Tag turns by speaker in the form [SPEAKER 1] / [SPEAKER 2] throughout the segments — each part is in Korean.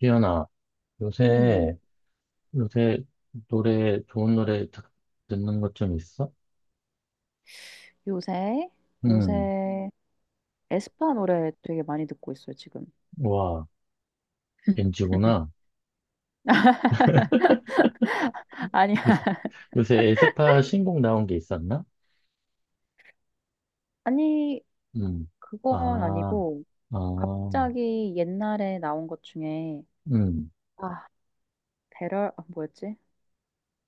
[SPEAKER 1] 지연아,
[SPEAKER 2] 음,
[SPEAKER 1] 요새, 요새 노래, 좋은 노래 듣는 것 좀 있어?
[SPEAKER 2] 요새,
[SPEAKER 1] 응.
[SPEAKER 2] 요새 에스파 노래 되게 많이 듣고 있어요, 지금.
[SPEAKER 1] 와, NG구나.
[SPEAKER 2] 아니,
[SPEAKER 1] 요새, 요새 에스파 신곡 나온 게 있었나?
[SPEAKER 2] 아니,
[SPEAKER 1] 응.
[SPEAKER 2] 그건
[SPEAKER 1] 아,
[SPEAKER 2] 아니고,
[SPEAKER 1] 아,
[SPEAKER 2] 갑자기 옛날에 나온 것 중에,
[SPEAKER 1] 응.
[SPEAKER 2] 아, 배럴, 뭐였지?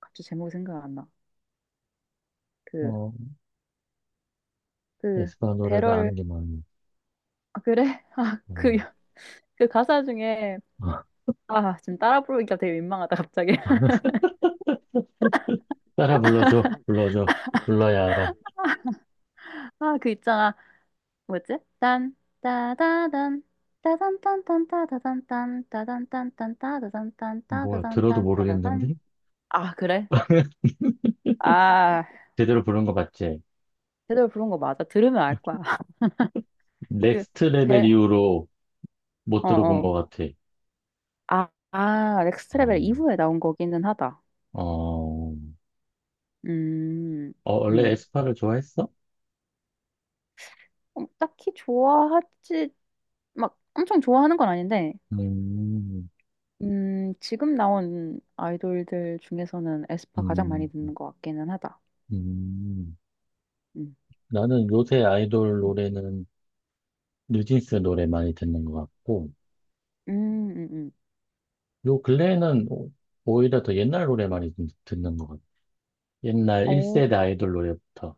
[SPEAKER 2] 갑자기 제목이 생각 안 나. 그,
[SPEAKER 1] 어,
[SPEAKER 2] 그,
[SPEAKER 1] 에스파 노래를
[SPEAKER 2] 배럴,
[SPEAKER 1] 아는 게 많네.
[SPEAKER 2] 아, 그래? 그,
[SPEAKER 1] 음,
[SPEAKER 2] 그 가사 중에,
[SPEAKER 1] 아,
[SPEAKER 2] 아, 지금 따라 부르기가 되게 민망하다, 갑자기.
[SPEAKER 1] 따라 불러줘, 불러줘, 불러야 알아.
[SPEAKER 2] 아, 그 있잖아. 뭐였지? 딴 따다단 따단딴딴따다단딴
[SPEAKER 1] 뭐야, 들어도 모르겠는데?
[SPEAKER 2] 따단딴딴따다단딴따다단딴따다단. 아 그래? 아
[SPEAKER 1] 제대로 부른 거 맞지?
[SPEAKER 2] 제대로 부른 거 맞아. 들으면 알 거야.
[SPEAKER 1] 넥스트 레벨 이후로
[SPEAKER 2] 그
[SPEAKER 1] 못 들어본
[SPEAKER 2] 배어어.
[SPEAKER 1] 것 같아.
[SPEAKER 2] 넥스트
[SPEAKER 1] 아,
[SPEAKER 2] 레벨 이후에 나온 거기는 하다.
[SPEAKER 1] 어,
[SPEAKER 2] 음음
[SPEAKER 1] 원래 에스파를 좋아했어?
[SPEAKER 2] 딱히 좋아하지. 막 엄청 좋아하는 건 아닌데.
[SPEAKER 1] 음.
[SPEAKER 2] 지금 나온 아이돌들 중에서는 에스파 가장
[SPEAKER 1] 음.
[SPEAKER 2] 많이 듣는 것 같기는 하다.
[SPEAKER 1] 음.
[SPEAKER 2] 음.
[SPEAKER 1] 나는 요새 아이돌
[SPEAKER 2] 음,
[SPEAKER 1] 노래는 뉴진스 노래 많이 듣는 것 같고,
[SPEAKER 2] 음.
[SPEAKER 1] 요 근래에는 오히려 더 옛날 노래 많이 듣는 것 같아. 옛날
[SPEAKER 2] 오,
[SPEAKER 1] 1세대 아이돌 노래부터.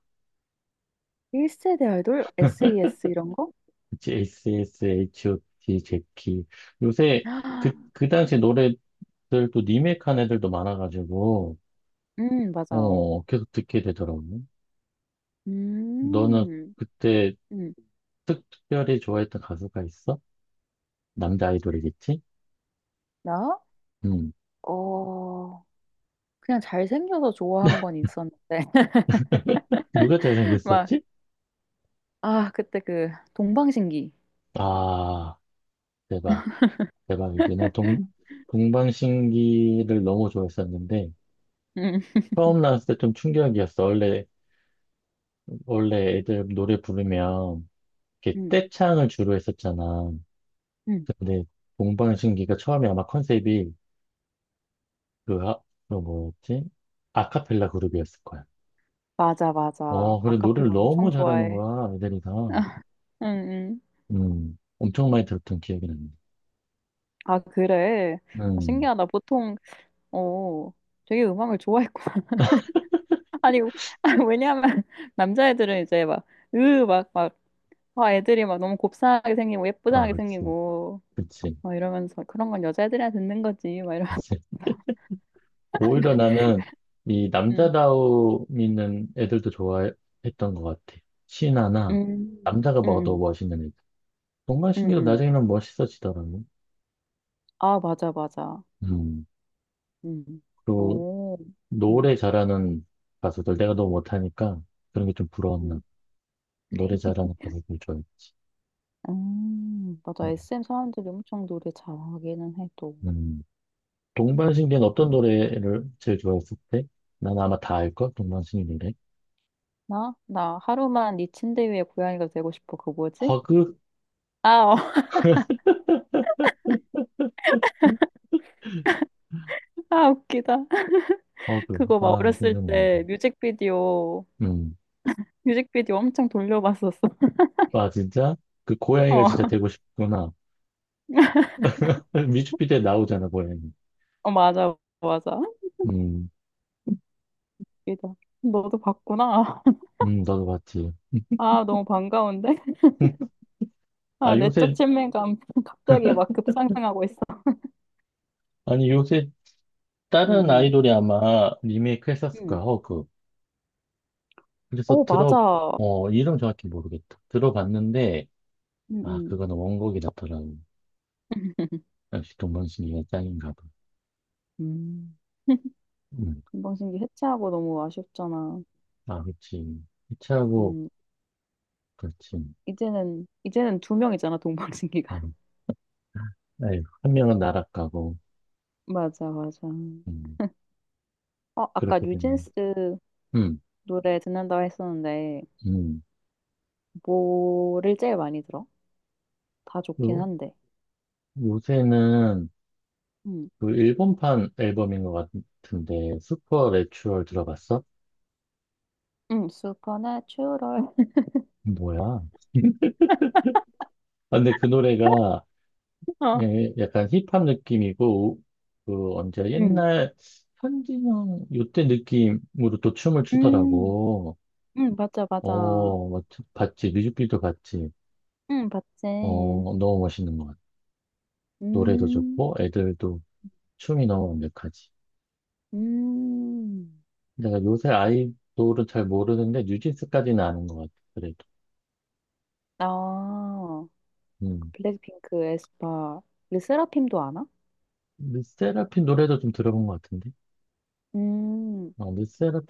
[SPEAKER 2] 1세대 아이돌? SES 이런 거?
[SPEAKER 1] 그치, a s H.O.T, 제키. 요새
[SPEAKER 2] 아,
[SPEAKER 1] 그 당시 노래들도 리메이크한 애들도 많아가지고,
[SPEAKER 2] 맞아.
[SPEAKER 1] 계속 듣게 되더라고. 너는
[SPEAKER 2] 음,
[SPEAKER 1] 그때
[SPEAKER 2] 음,
[SPEAKER 1] 특, 별히 좋아했던 가수가 있어? 남자 아이돌이겠지?
[SPEAKER 2] 나?
[SPEAKER 1] 음.
[SPEAKER 2] 어, 그냥 잘생겨서 좋아한 건 있었는데.
[SPEAKER 1] 누가
[SPEAKER 2] 막,
[SPEAKER 1] 잘생겼었지?
[SPEAKER 2] 아, 그때 그 동방신기.
[SPEAKER 1] 아, 대박, 대박이지. 나 동방신기를 너무 좋아했었는데,
[SPEAKER 2] 음,
[SPEAKER 1] 처음 나왔을 때 좀 충격이었어. 원래 애들 노래 부르면, 이렇게
[SPEAKER 2] 음,
[SPEAKER 1] 떼창을 주로 했었잖아.
[SPEAKER 2] 음.
[SPEAKER 1] 근데, 동방신기가 처음에 아마 컨셉이, 그, 아, 그 뭐였지? 아카펠라 그룹이었을 거야.
[SPEAKER 2] 맞아, 맞아.
[SPEAKER 1] 그래, 노래를
[SPEAKER 2] 아카펠라
[SPEAKER 1] 너무
[SPEAKER 2] 엄청
[SPEAKER 1] 잘하는
[SPEAKER 2] 좋아해.
[SPEAKER 1] 거야, 애들이 다.
[SPEAKER 2] 음, 음.
[SPEAKER 1] 엄청 많이 들었던 기억이 나네.
[SPEAKER 2] 아, 그래. 아,
[SPEAKER 1] 음,
[SPEAKER 2] 신기하다. 보통, 어, 되게 음악을 좋아했구나. 아니, 아, 왜냐면, 남자애들은 이제 막, 으, 막, 막, 와, 애들이 막 너무 곱상하게 생기고
[SPEAKER 1] 아,
[SPEAKER 2] 예쁘장하게
[SPEAKER 1] 그치,
[SPEAKER 2] 생기고
[SPEAKER 1] 그치.
[SPEAKER 2] 막 이러면서 그런 건 여자애들이나 듣는 거지 막 이러.
[SPEAKER 1] 그치. 오히려 나는 이
[SPEAKER 2] 음,
[SPEAKER 1] 남자다움 있는 애들도 좋아했던 것 같아. 신하나
[SPEAKER 2] 음,
[SPEAKER 1] 남자가
[SPEAKER 2] 음,
[SPEAKER 1] 봐도
[SPEAKER 2] 음,
[SPEAKER 1] 멋있는 애들.
[SPEAKER 2] 음,
[SPEAKER 1] 동방신기도
[SPEAKER 2] 음.
[SPEAKER 1] 나중에는 멋있어지더라고.
[SPEAKER 2] 아, 맞아, 맞아.
[SPEAKER 1] 음.
[SPEAKER 2] 음,
[SPEAKER 1] 그리고
[SPEAKER 2] 오, 음,
[SPEAKER 1] 노래 잘하는 가수들 내가 너무 못하니까 그런 게 좀 부러웠나.
[SPEAKER 2] 음.
[SPEAKER 1] 노래 잘하는 가수들 좋아해.
[SPEAKER 2] 맞아. SM 사람들이 엄청 노래 잘하기는 해, 또.
[SPEAKER 1] 음.
[SPEAKER 2] 음.
[SPEAKER 1] 동방신기는 어떤 노래를 제일 좋아했을 때? 난 아마 다 알걸? 동방신기 노래.
[SPEAKER 2] 나? 나 하루만 네 침대 위에 고양이가 되고 싶어. 그 뭐지?
[SPEAKER 1] 허그?
[SPEAKER 2] 아, 어. 아, 웃기다.
[SPEAKER 1] 허그.
[SPEAKER 2] 그거 막
[SPEAKER 1] 아,
[SPEAKER 2] 어렸을
[SPEAKER 1] 생각난다.
[SPEAKER 2] 때
[SPEAKER 1] 음.
[SPEAKER 2] 뮤직비디오 엄청 돌려봤었어.
[SPEAKER 1] 아, 진짜? 그 고양이가
[SPEAKER 2] 어.
[SPEAKER 1] 진짜 되고 싶구나. 뮤직비디오에 나오잖아, 고양이.
[SPEAKER 2] 어, 맞아, 맞아.
[SPEAKER 1] 음.
[SPEAKER 2] 이다. 너도 봤구나.
[SPEAKER 1] 음. 너도 봤지.
[SPEAKER 2] 아, 너무 반가운데? 아,
[SPEAKER 1] 아,
[SPEAKER 2] 내적
[SPEAKER 1] 요새,
[SPEAKER 2] 친밀감 갑자기 막 급상승하고 있어.
[SPEAKER 1] 아니, 요새 다른
[SPEAKER 2] 응,
[SPEAKER 1] 아이돌이 아마 리메이크
[SPEAKER 2] 응,
[SPEAKER 1] 했었을 거야,
[SPEAKER 2] 응.
[SPEAKER 1] 허그. 그래서
[SPEAKER 2] 어,
[SPEAKER 1] 들어,
[SPEAKER 2] 맞아.
[SPEAKER 1] 이름 정확히 모르겠다. 들어봤는데,
[SPEAKER 2] 응,
[SPEAKER 1] 아,
[SPEAKER 2] 응.
[SPEAKER 1] 그거는 원곡이 낫더라고. 역시 동방신기가 짱인가 봐.
[SPEAKER 2] 음.
[SPEAKER 1] 음,
[SPEAKER 2] 동방신기 해체하고 너무 아쉽잖아.
[SPEAKER 1] 아, 그치. 이치하고,
[SPEAKER 2] 음,
[SPEAKER 1] 그렇지.
[SPEAKER 2] 이제는 두 명이잖아,
[SPEAKER 1] 어,
[SPEAKER 2] 동방신기가.
[SPEAKER 1] 에휴, 한 명은 나락 가고,
[SPEAKER 2] 맞아, 맞아. 어,
[SPEAKER 1] 음,
[SPEAKER 2] 아까
[SPEAKER 1] 그렇게 됐네.
[SPEAKER 2] 뉴진스
[SPEAKER 1] 음.
[SPEAKER 2] 노래 듣는다고 했었는데,
[SPEAKER 1] 음.
[SPEAKER 2] 뭐를 제일 많이 들어? 다 좋긴
[SPEAKER 1] 요,
[SPEAKER 2] 한데.
[SPEAKER 1] 요새는,
[SPEAKER 2] 응,
[SPEAKER 1] 그 일본판 앨범인 것 같은데 슈퍼 내추럴 들어봤어?
[SPEAKER 2] 응, 슈퍼내추럴.
[SPEAKER 1] 뭐야? 아, 근데 그 노래가
[SPEAKER 2] 어.
[SPEAKER 1] 예, 약간 힙합 느낌이고 그 언제
[SPEAKER 2] 응.
[SPEAKER 1] 옛날 현진영 요때 느낌으로 또 춤을
[SPEAKER 2] 음,
[SPEAKER 1] 추더라고.
[SPEAKER 2] 맞아, 맞아.
[SPEAKER 1] 뭐, 봤지. 뮤직비디오 봤지.
[SPEAKER 2] 응, 봤지.
[SPEAKER 1] 너무 멋있는 것 같아. 노래도
[SPEAKER 2] 음,
[SPEAKER 1] 좋고 애들도 춤이 너무 완벽하지.
[SPEAKER 2] 음.
[SPEAKER 1] 내가 요새 아이돌은 잘 모르는데 뉴진스까지는 아는 것 같아. 그래도.
[SPEAKER 2] 아,
[SPEAKER 1] 음.
[SPEAKER 2] 블랙핑크, 에스파. 우리 세라핌도 아나?
[SPEAKER 1] 르세라핌 노래도 좀 들어본 것 같은데.
[SPEAKER 2] 음,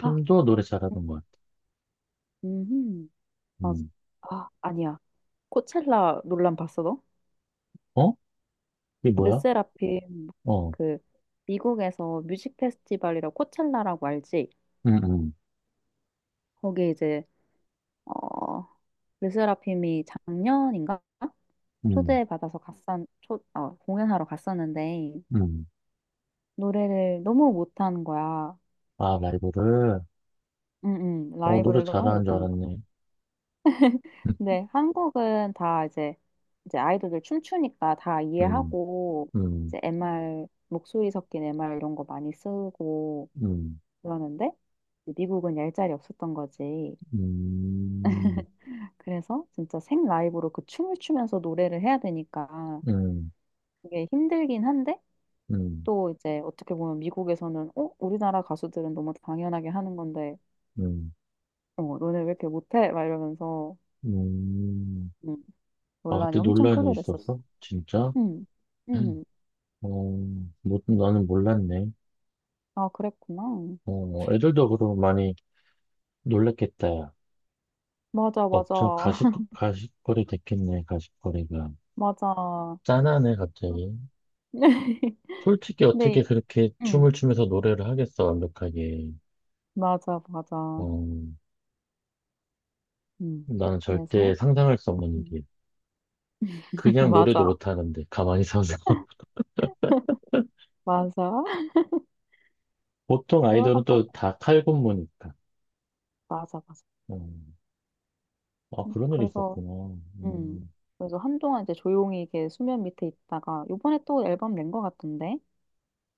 [SPEAKER 2] 아,
[SPEAKER 1] 노래 잘하는 것 같아.
[SPEAKER 2] 음, 아,
[SPEAKER 1] 음.
[SPEAKER 2] 아니야. 코첼라 논란 봤어, 너?
[SPEAKER 1] 어? 이게 뭐야?
[SPEAKER 2] 르세라핌,
[SPEAKER 1] 어.
[SPEAKER 2] 그, 미국에서 뮤직 페스티벌이라고 코첼라라고 알지?
[SPEAKER 1] 음. 음.
[SPEAKER 2] 거기 이제, 어, 르세라핌이 작년인가?
[SPEAKER 1] 음.
[SPEAKER 2] 초대받아서 갔었, 공연하러 갔었는데,
[SPEAKER 1] 음.
[SPEAKER 2] 노래를 너무 못하는 거야.
[SPEAKER 1] 아, 라이브를.
[SPEAKER 2] 응, 응,
[SPEAKER 1] 노래
[SPEAKER 2] 라이브를 너무
[SPEAKER 1] 잘하는 줄
[SPEAKER 2] 못한 거야.
[SPEAKER 1] 알았네.
[SPEAKER 2] 근데 한국은 다 이제 아이돌들 춤추니까 다
[SPEAKER 1] 음.
[SPEAKER 2] 이해하고,
[SPEAKER 1] 음.
[SPEAKER 2] 이제 MR, 목소리 섞인 MR 이런 거 많이 쓰고
[SPEAKER 1] 음.
[SPEAKER 2] 그러는데, 미국은 얄짤이 없었던 거지.
[SPEAKER 1] 음.
[SPEAKER 2] 그래서 진짜 생 라이브로 그 춤을 추면서 노래를 해야 되니까
[SPEAKER 1] 음.
[SPEAKER 2] 그게 힘들긴 한데,
[SPEAKER 1] 음. 음.
[SPEAKER 2] 또 이제 어떻게 보면 미국에서는, 우리나라 가수들은 너무 당연하게 하는 건데,
[SPEAKER 1] 음.
[SPEAKER 2] 어, 너네 왜 이렇게 못해? 막 이러면서.
[SPEAKER 1] 음.
[SPEAKER 2] 음,
[SPEAKER 1] 아,
[SPEAKER 2] 논란이
[SPEAKER 1] 그때
[SPEAKER 2] 엄청
[SPEAKER 1] 논란이
[SPEAKER 2] 크게 됐었어.
[SPEAKER 1] 있었어? 진짜?
[SPEAKER 2] 응,
[SPEAKER 1] 음.
[SPEAKER 2] 응.
[SPEAKER 1] 어, 뭐, 나는 몰랐네.
[SPEAKER 2] 아, 그랬구나.
[SPEAKER 1] 애들도 그럼 많이 놀랬겠다. 야.
[SPEAKER 2] 맞아, 맞아.
[SPEAKER 1] 업저 가식거리 됐겠네, 가식거리가.
[SPEAKER 2] 맞아.
[SPEAKER 1] 짠하네, 갑자기. 솔직히 어떻게
[SPEAKER 2] 근데,
[SPEAKER 1] 그렇게
[SPEAKER 2] 응,
[SPEAKER 1] 춤을 추면서 노래를 하겠어, 완벽하게.
[SPEAKER 2] 맞아,
[SPEAKER 1] 어,
[SPEAKER 2] 맞아. 응,
[SPEAKER 1] 나는 절대
[SPEAKER 2] 그래서,
[SPEAKER 1] 상상할 수 없는
[SPEAKER 2] 응.
[SPEAKER 1] 일이야. 그냥 노래도
[SPEAKER 2] 맞아,
[SPEAKER 1] 못하는데, 가만히 서서.
[SPEAKER 2] 맞아.
[SPEAKER 1] 보통 아이돌은
[SPEAKER 2] 그러다가,
[SPEAKER 1] 또 다 칼군무니까.
[SPEAKER 2] 맞아, 맞아.
[SPEAKER 1] 음, 아, 그런 일이
[SPEAKER 2] 그래서,
[SPEAKER 1] 있었구나.
[SPEAKER 2] 응.
[SPEAKER 1] 음,
[SPEAKER 2] 그래서 한동안 이제 조용히 이게 수면 밑에 있다가, 요번에 또 앨범 낸 것 같던데?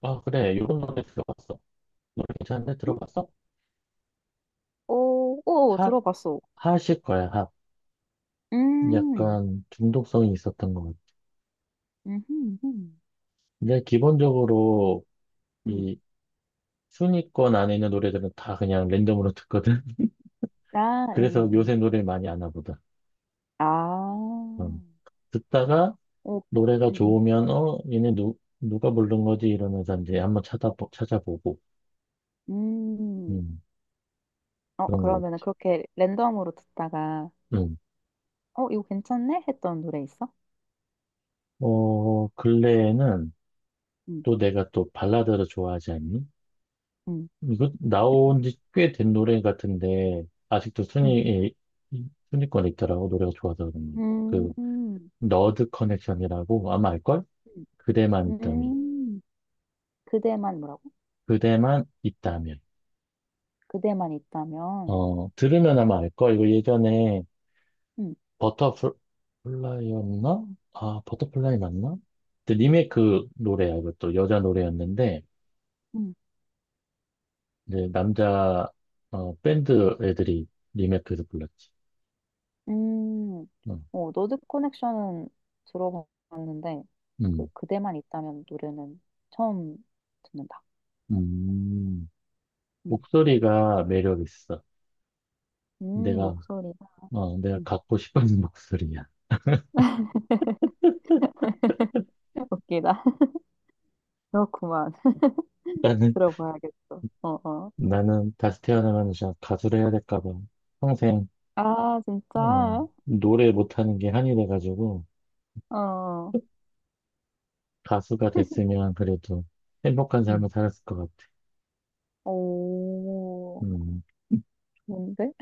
[SPEAKER 1] 아, 그래. 요런 노래 들어봤어. 노래 괜찮은데?
[SPEAKER 2] 응?
[SPEAKER 1] 들어봤어?
[SPEAKER 2] 오, 오,
[SPEAKER 1] 핫,
[SPEAKER 2] 들어봤어.
[SPEAKER 1] 핫일 거야, 핫.
[SPEAKER 2] 음,
[SPEAKER 1] 약간 중독성이 있었던 것 같아.
[SPEAKER 2] 음, 음, 음.
[SPEAKER 1] 근데 기본적으로
[SPEAKER 2] 음.
[SPEAKER 1] 이 순위권 안에 있는 노래들은 다 그냥 랜덤으로 듣거든.
[SPEAKER 2] 아,
[SPEAKER 1] 그래서 요새 노래 많이 아나 보다.
[SPEAKER 2] 아.
[SPEAKER 1] 어. 듣다가
[SPEAKER 2] 오,
[SPEAKER 1] 노래가
[SPEAKER 2] 음,
[SPEAKER 1] 좋으면, 얘네 누 누가 부른 거지, 이러면서 이제 한번 찾아보고,
[SPEAKER 2] 음. 음.
[SPEAKER 1] 음
[SPEAKER 2] 어,
[SPEAKER 1] 그런 것
[SPEAKER 2] 그러면은 그렇게 랜덤으로 듣다가,
[SPEAKER 1] 같아. 음.
[SPEAKER 2] 어, 이거 괜찮네? 했던 노래 있어?
[SPEAKER 1] 근래에는
[SPEAKER 2] 음,
[SPEAKER 1] 또 내가 또 발라드를 좋아하지 않니?
[SPEAKER 2] 음,
[SPEAKER 1] 이거 나온 지 꽤 된 노래 같은데 아직도
[SPEAKER 2] 음,
[SPEAKER 1] 순위권에 있더라고, 노래가 좋아서 그런 거. 그
[SPEAKER 2] 음,
[SPEAKER 1] 너드 커넥션이라고 아마 알걸?
[SPEAKER 2] 음,
[SPEAKER 1] 그대만 있다면.
[SPEAKER 2] 음. 그대만 뭐라고?
[SPEAKER 1] 그대만 있다면.
[SPEAKER 2] 그대만 있다면.
[SPEAKER 1] 들으면 아마 알걸, 이거 예전에
[SPEAKER 2] 음,
[SPEAKER 1] 버터플라이였나? 아, 버터플라이 맞나? 근데 리메이크 노래야, 이것도. 여자 노래였는데,
[SPEAKER 2] 음,
[SPEAKER 1] 이제 남자, 밴드 애들이 리메이크해서 불렀지.
[SPEAKER 2] 음.
[SPEAKER 1] 어.
[SPEAKER 2] 어, 노드 커넥션은 들어봤는데, 그,
[SPEAKER 1] 음.
[SPEAKER 2] 그대만 있다면 노래는 처음 듣는다.
[SPEAKER 1] 음.
[SPEAKER 2] 음,
[SPEAKER 1] 목소리가 매력 있어. 내가,
[SPEAKER 2] 목소리가,
[SPEAKER 1] 내가
[SPEAKER 2] 음,
[SPEAKER 1] 갖고 싶은 목소리야.
[SPEAKER 2] 웃기다. 그렇구만.
[SPEAKER 1] 나는,
[SPEAKER 2] 들어봐야겠어. 어, 어.
[SPEAKER 1] 나는 다시 태어나면 그냥 가수를 해야 될까 봐. 평생,
[SPEAKER 2] 아,
[SPEAKER 1] 어,
[SPEAKER 2] 진짜?
[SPEAKER 1] 노래 못하는 게 한이 돼가지고,
[SPEAKER 2] 어,
[SPEAKER 1] 가수가 됐으면 그래도 행복한
[SPEAKER 2] 응,
[SPEAKER 1] 삶을 살았을 것 같아.
[SPEAKER 2] 오,
[SPEAKER 1] 음.
[SPEAKER 2] 좋은데?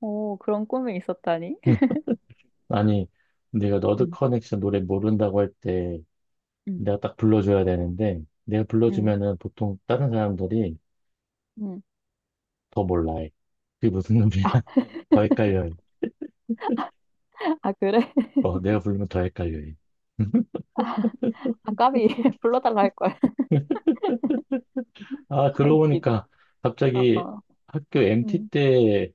[SPEAKER 2] 오, 그런 꿈이 있었다니?
[SPEAKER 1] 응. 아니, 내가 너드
[SPEAKER 2] 응,
[SPEAKER 1] 커넥션 노래 모른다고 할 때
[SPEAKER 2] 응,
[SPEAKER 1] 내가 딱 불러줘야 되는데, 내가
[SPEAKER 2] 응,
[SPEAKER 1] 불러주면은 보통 다른 사람들이
[SPEAKER 2] 응.
[SPEAKER 1] 더 몰라해. 그게 무슨 놈이야?
[SPEAKER 2] 아,
[SPEAKER 1] 더 헷갈려해.
[SPEAKER 2] 아, 그래?
[SPEAKER 1] 내가 부르면 더 헷갈려해.
[SPEAKER 2] 아, 까비, 불러달라 할 거야.
[SPEAKER 1] 아, 그러고
[SPEAKER 2] 웃기다.
[SPEAKER 1] 보니까
[SPEAKER 2] 어,
[SPEAKER 1] 갑자기
[SPEAKER 2] 어,
[SPEAKER 1] 학교 MT
[SPEAKER 2] 응,
[SPEAKER 1] 때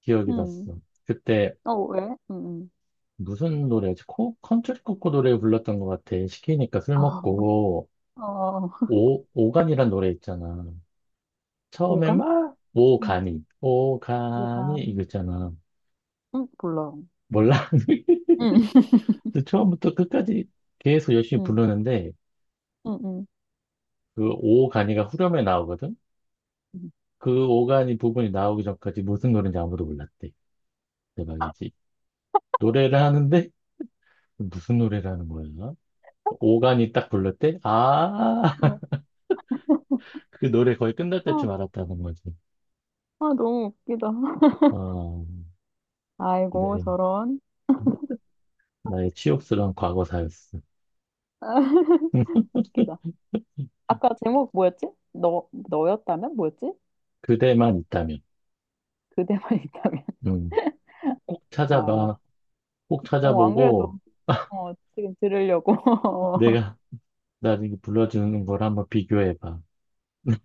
[SPEAKER 1] 기억이
[SPEAKER 2] 응.
[SPEAKER 1] 났어. 그때
[SPEAKER 2] 어, 왜? 응,
[SPEAKER 1] 무슨 노래였지? 컨트리 코코 노래 불렀던 것 같아. 시키니까 술
[SPEAKER 2] 아, 응.
[SPEAKER 1] 먹고,
[SPEAKER 2] 어, 어.
[SPEAKER 1] 오간이란 노래 있잖아. 처음에
[SPEAKER 2] 오감?
[SPEAKER 1] 막
[SPEAKER 2] 응,
[SPEAKER 1] 오가니, 오가니 이거
[SPEAKER 2] 오감.
[SPEAKER 1] 있잖아.
[SPEAKER 2] 응, 몰라.
[SPEAKER 1] 몰라.
[SPEAKER 2] 응,
[SPEAKER 1] 근데 처음부터 끝까지 계속 열심히
[SPEAKER 2] 응,
[SPEAKER 1] 부르는데,
[SPEAKER 2] 응, 응.
[SPEAKER 1] 그 오간이가 후렴에 나오거든?
[SPEAKER 2] 응.
[SPEAKER 1] 그 오간이 부분이 나오기 전까지 무슨 노래인지 아무도 몰랐대. 대박이지. 노래를 하는데 무슨 노래를 하는 거야? 오간이 딱 불렀대? 아,
[SPEAKER 2] 어,
[SPEAKER 1] 그 노래 거의 끝날
[SPEAKER 2] 아,
[SPEAKER 1] 때쯤 알았다는 거지.
[SPEAKER 2] 아, 너무 웃기다.
[SPEAKER 1] 어.
[SPEAKER 2] 아이고,
[SPEAKER 1] 네.
[SPEAKER 2] 저런.
[SPEAKER 1] 나의 치욕스러운 과거사였어.
[SPEAKER 2] 웃기다. 아까 제목 뭐였지? 너였다면? 뭐였지?
[SPEAKER 1] 그대만 있다면.
[SPEAKER 2] 그대만 있다면.
[SPEAKER 1] 음, 꼭
[SPEAKER 2] 아,
[SPEAKER 1] 찾아봐. 꼭
[SPEAKER 2] 어, 안
[SPEAKER 1] 찾아보고
[SPEAKER 2] 그래도, 어, 지금 들으려고. 어,
[SPEAKER 1] 내가 나중에 불러주는 걸 한번 비교해봐.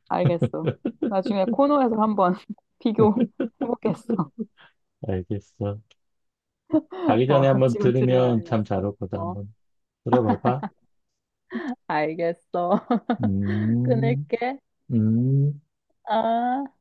[SPEAKER 2] 알겠어. 나중에 코너에서 한번 비교해보겠어.
[SPEAKER 1] 알겠어. 자기
[SPEAKER 2] 어,
[SPEAKER 1] 전에 한번
[SPEAKER 2] 지금
[SPEAKER 1] 들으면 참
[SPEAKER 2] 들으려야지.
[SPEAKER 1] 잘 올 거다.
[SPEAKER 2] 어,
[SPEAKER 1] 한번 들어봐봐.
[SPEAKER 2] 알겠어.
[SPEAKER 1] 음.
[SPEAKER 2] 끊을게.
[SPEAKER 1] 음.
[SPEAKER 2] 아.